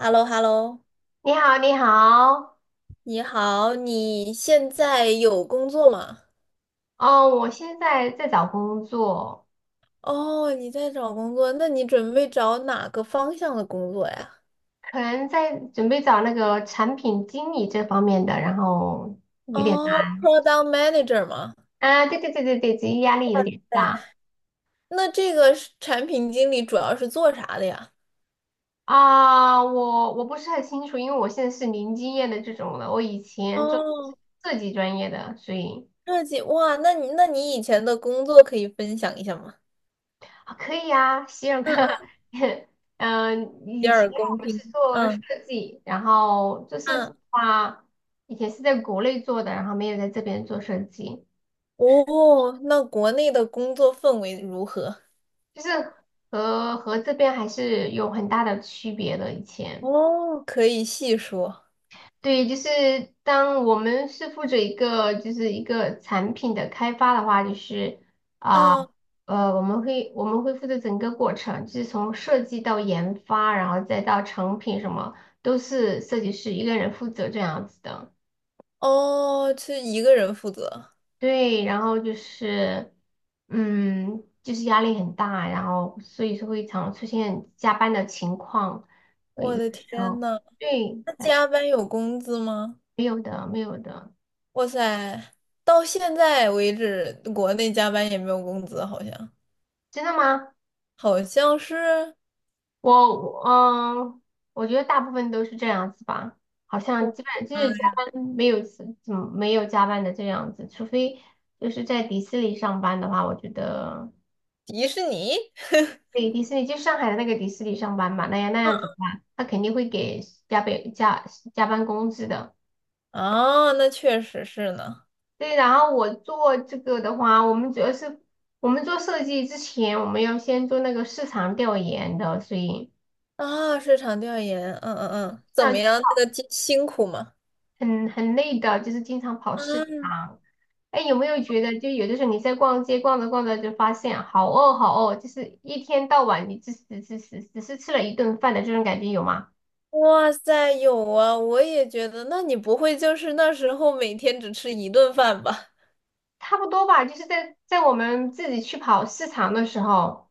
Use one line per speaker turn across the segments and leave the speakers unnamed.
h e l l o h e l l o
你好，你好。
你好，你现在有工作吗？
哦，我现在在找工作，
哦，你在找工作，那你准备找哪个方向的工作呀？
可能在准备找那个产品经理这方面的，然后有点
哦
难。
，Product Manager 吗？
啊，对对对对对，职业压力有点大
对。那这个是产品经理主要是做啥的呀？
啊。我不是很清楚，因为我现在是零经验的这种的，我以前做
哦，
设计专业的，所以。
设计，哇，那你以前的工作可以分享一下吗？
啊，可以啊，希尔哥，
嗯嗯，
嗯，
洗
以前
耳恭
我们是
听。
做设
嗯
计，然后做设计的
嗯，
话，以前是在国内做的，然后没有在这边做设计，
哦，那国内的工作氛围如何？
就是和这边还是有很大的区别的。以前，
哦，可以细说。
对，就是当我们是负责一个就是一个产品的开发的话，就是
啊
我们会负责整个过程，就是从设计到研发，然后再到成品什么，都是设计师一个人负责这样子的。
哦，是一个人负责。
对，然后就是，就是压力很大，然后所以说会常出现加班的情况，会有
我的
的时
天
候，
呐，
对，
那
哎，
加班有工资吗？
没有的，没有的，
哇塞，到现在为止，国内加班也没有工资，好像
真的吗？
好像是
我嗯，我觉得大部分都是这样子吧，好像基
我
本就是加班没有怎么没有加班的这样子，除非就是在迪士尼上班的话，我觉得
迪士尼
对迪士尼就上海的那个迪士尼上班嘛，那样那样子的话，他肯定会给加倍加班工资的。
啊，那确实是呢。
对，然后我做这个的话，我们主要是我们做设计之前，我们要先做那个市场调研的，所以
啊，市场调研，嗯嗯嗯，怎么
那
样？这个辛苦吗？
很累的，就是经常跑市
啊，
场。哎，有没有觉得，就有的时候你在逛街逛着逛着就发现好饿好饿，就是一天到晚你只是吃了一顿饭的这种感觉有吗？
哇塞，有啊，我也觉得。那你不会就是那时候每天只吃一顿饭吧？
差不多吧，就是在我们自己去跑市场的时候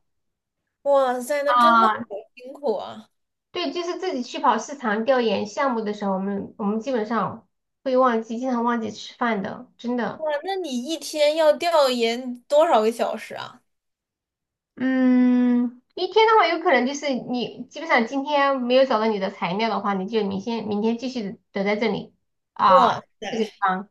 哇塞，那真的好
啊，
辛苦啊！
对，就是自己去跑市场调研项目的时候，我们基本上会忘记，经常忘记吃饭的，真的。
哇，那你一天要调研多少个小时啊？
嗯，一天的话，有可能就是你基本上今天没有找到你的材料的话，你就明天继续等在这里啊
哇
这个地
塞，
方。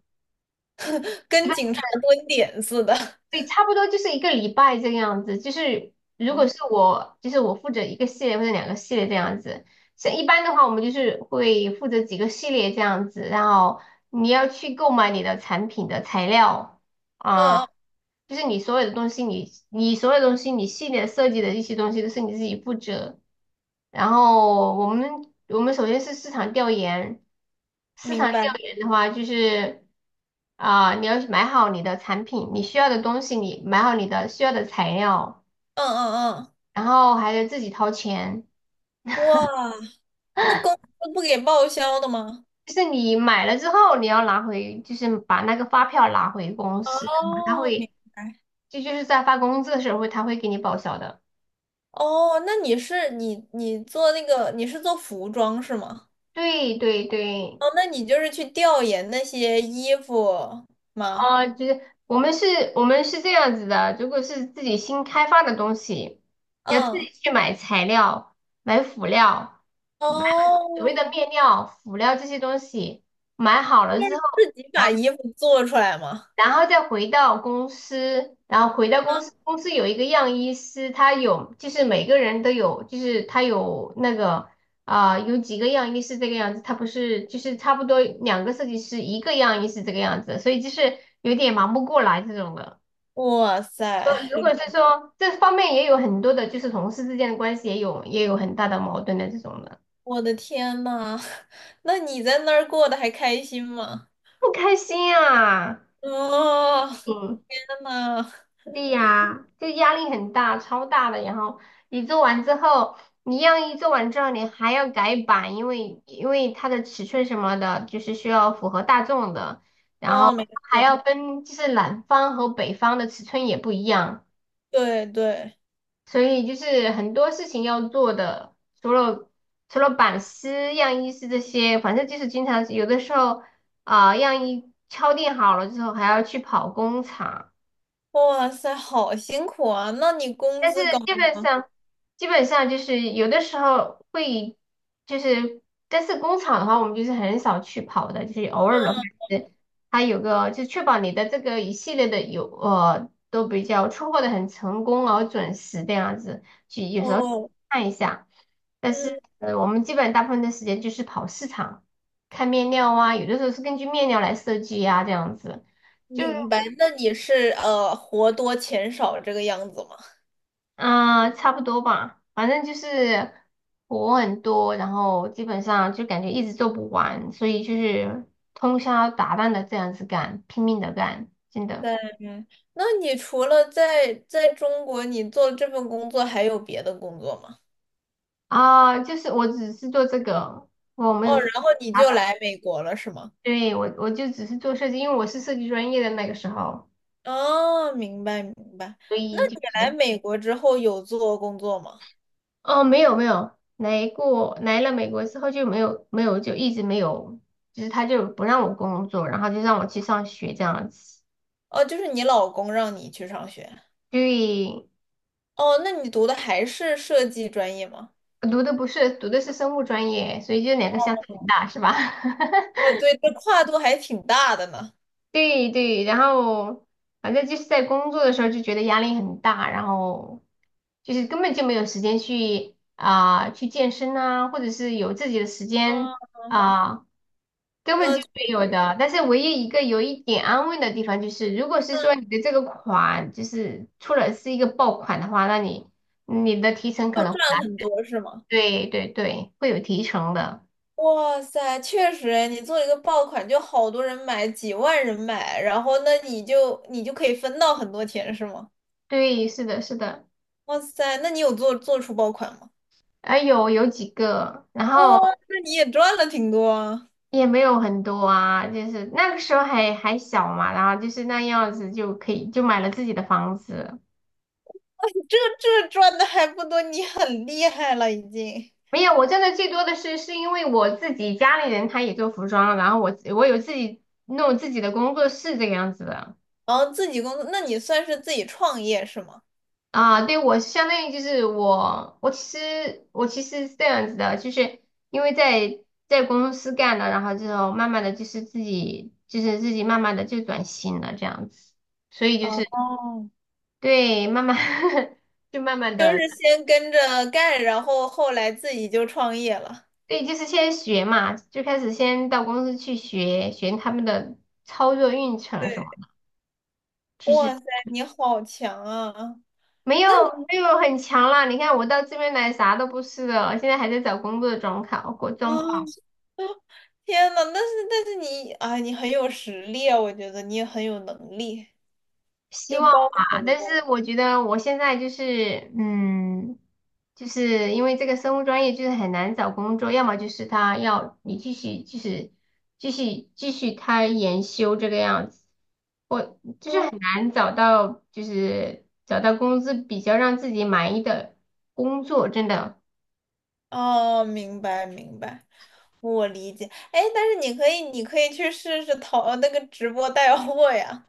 跟警察蹲点似的。
对，差不多就是一个礼拜这个样子。就是如
哦
果是我，就是我负责一个系列或者两个系列这样子。像一般的话，我们就是会负责几个系列这样子，然后你要去购买你的产品的材料
嗯
啊，
嗯，
就是你所有的东西你所有东西，你系列设计的一些东西都是你自己负责。然后我们首先是市场调研，市场
明
调
白。
研的话就是啊、你要买好你的产品，你需要的东西，你买好你的需要的材料，
嗯嗯嗯，
然后还得自己掏钱。
哇，那公司不给报销的吗？
就是你买了之后，你要拿回，就是把那个发票拿回公司，他
哦，明
会，
白。
这就是在发工资的时候会，他会给你报销的。
哦，那你是你做那个你是做服装是吗？
对对对，
哦，那你就是去调研那些衣服吗？
哦，就是我们是，我们是这样子的，如果是自己新开发的东西，要自
嗯，
己去买材料、买辅料、买所谓的
哦，
面料、辅料这些东西，买好了之后，
自己把
然后。
衣服做出来吗？
然后再回到公司，然后回到公司，
嗯
公司有一个样衣师，他有就是每个人都有，就是他有那个啊、有几个样衣是这个样子，他不是就是差不多两个设计师一个样衣是这个样子，所以就是有点忙不过来这种的。
哇塞，
如果是说这方面也有很多的，就是同事之间的关系也有很大的矛盾的这种的，
我的天呐，那你在那儿过得还开心吗？
不开心啊，
哦，
嗯。
天呐，
对呀，就压力很大，超大的。然后你做完之后，你样衣做完之后，你还要改版，因为它的尺寸什么的，就是需要符合大众的，然
哦，
后
没事，
还要分，就是南方和北方的尺寸也不一样，
对对，
所以就是很多事情要做的，除了除了版师、样衣师这些，反正就是经常有的时候啊、样衣敲定好了之后，还要去跑工厂。
哇塞，好辛苦啊！那你工
但是
资高
基
吗？
本上，基本上就是有的时候会，就是，但是工厂的话，我们就是很少去跑的，就是偶尔的话，是它有个就确保你的这个一系列的有都比较出货的很成功而准时这样子，去有时候
哦，
看一下。但是
嗯，
我们基本大部分的时间就是跑市场，看面料啊，有的时候是根据面料来设计啊，这样子。就
明白。那你是活多钱少这个样子吗？
啊，差不多吧，反正就是活很多，然后基本上就感觉一直做不完，所以就是通宵达旦的这样子干，拼命的干，真的
嗯，那你除了在中国，你做这份工作还有别的工作吗？
啊，就是我只是做这个，我没有
哦，
做其
然后你
他的，
就来美国了，是吗？
对，我就只是做设计，因为我是设计专业的那个时候，
哦，明白明白。
所
那
以就
你来
是
美国之后有做工作吗？
哦，没有没有，来过来了美国之后就没有没有就一直没有，就是他就不让我工作，然后就让我去上学这样子。
哦，就是你老公让你去上学。
对，
哦，那你读的还是设计专业吗？
读的不是，读的是生物专业，所以就两个相差很大，是吧？
哦，对，这跨度还挺大的呢。
对对，然后反正就是在工作的时候就觉得压力很大，然后就是根本就没有时间去啊、去健身啊，或者是有自己的时间
嗯，
啊、根本
那
就
确
没有
实
的。但是唯一一个有一点安慰的地方就是，如果是说你的这个款就是出了是一个爆款的话，那你的提成可
就
能
赚
会拿，
很多是吗？
对对对，会有提成的。
哇塞，确实诶，你做一个爆款，就好多人买，几万人买，然后那你就可以分到很多钱是吗？
对，是的，是的。
哇塞，那你有做出爆款吗？
啊，有几个，然
哇，
后
那你也赚了挺多啊。
也没有很多啊，就是那个时候还小嘛，然后就是那样子就可以就买了自己的房子。
这这赚的还不多，你很厉害了已经。
没有，我挣的最多的是因为我自己家里人他也做服装，然后我有自己弄自己的工作室这个样子的
然后自己工作，那你算是自己创业是吗？
啊。对，我相当于就是我其实是这样子的，就是因为在公司干了，然后之后慢慢的就是自己慢慢的就转型了这样子。所以就是
哦，
对，慢慢 就慢慢
就
的，
是先跟着干，然后后来自己就创业了。
对，就是先学嘛，就开始先到公司去学学他们的操作运程什么的。其
哇
实
塞，你好强啊！
没有没有很强啦，你看我到这边来啥都不是的，现在还在找工作的状况，过
啊，
状况，
天呐，那是但是你啊，你很有实力啊，我觉得你也很有能力，
希
就
望
包括
吧。
你
但是
的。
我觉得我现在就是就是因为这个生物专业就是很难找工作，要么就是他要你继续就是继续开研修这个样子。就是
嗯，
很难找到，就是找到工资比较让自己满意的工作，真的。
哦，明白明白，我理解。哎，但是你可以，你可以去试试淘那个直播带货呀。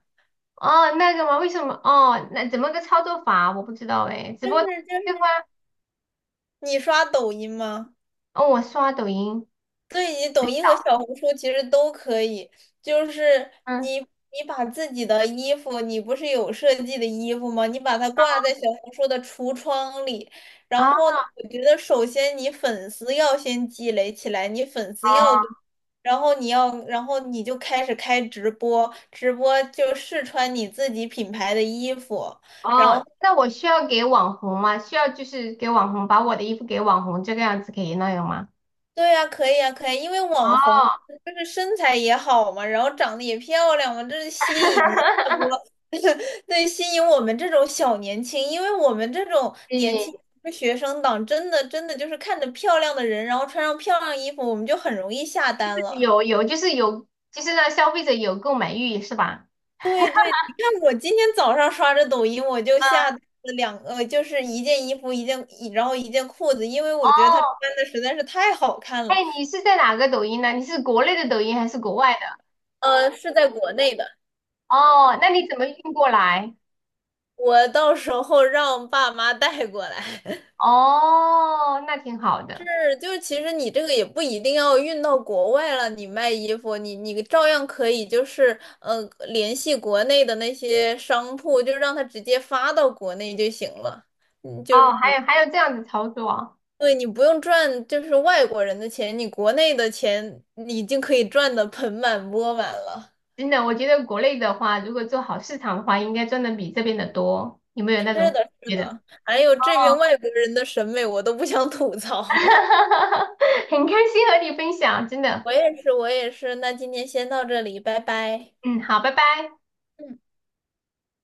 哦，那个吗？为什么？哦，那怎么个操作法？我不知道哎，直
就
播
是
对方，
是。你刷抖音吗？
哦，我刷抖音，
对，你抖音和小红书其实都可以，就是
嗯，
你把自己的衣服，你不是有设计的衣服吗？你把它挂在小红书的橱窗里，然
啊，
后呢，我觉得首先你粉丝要先积累起来，你粉丝要多，
哦，
然后你要，然后你就开始开直播，直播就试穿你自己品牌的衣服。然
哦
后。
那我需要给网红吗？需要就是给网红，把我的衣服给网红，这个样子可以那样吗？
对呀，可以啊，可以，因为
哦，
网红就是身材也好嘛，然后长得也漂亮嘛，这是吸引一 大波，对，吸引我们这种小年轻，因为我们这种年
对，
轻的学生党，真的就是看着漂亮的人，然后穿上漂亮衣服，我们就很容易下单了。
有有，就是有，就是让消费者有购买欲，是吧？
你看我今天早上刷着抖音，我就下
嗯，
单了两，就是一件衣服，一件，然后一件裤子，因为
哦，
我觉得她穿的实在是太好看
哎，
了。
你是在哪个抖音呢？你是国内的抖音还是国外的？
是在国内的。
哦，那你怎么运过来？
我到时候让爸妈带过来，
哦，那挺好
是
的。
就其实你这个也不一定要运到国外了，你卖衣服，你你照样可以就是联系国内的那些商铺，就让他直接发到国内就行了。嗯，就是
哦，还
不
有还有这样子操作啊，
对，你不用赚就是外国人的钱，你国内的钱你已经可以赚的盆满钵满了。
真的，我觉得国内的话，如果做好市场的话，应该赚的比这边的多。有没有那
是
种
的，是
觉得？
的，还有这
哦，
边外国人的审美我都不想吐槽。
很开心和你分享，真的。
我也是，我也是。那今天先到这里，拜拜。
嗯，好，拜拜。
嗯。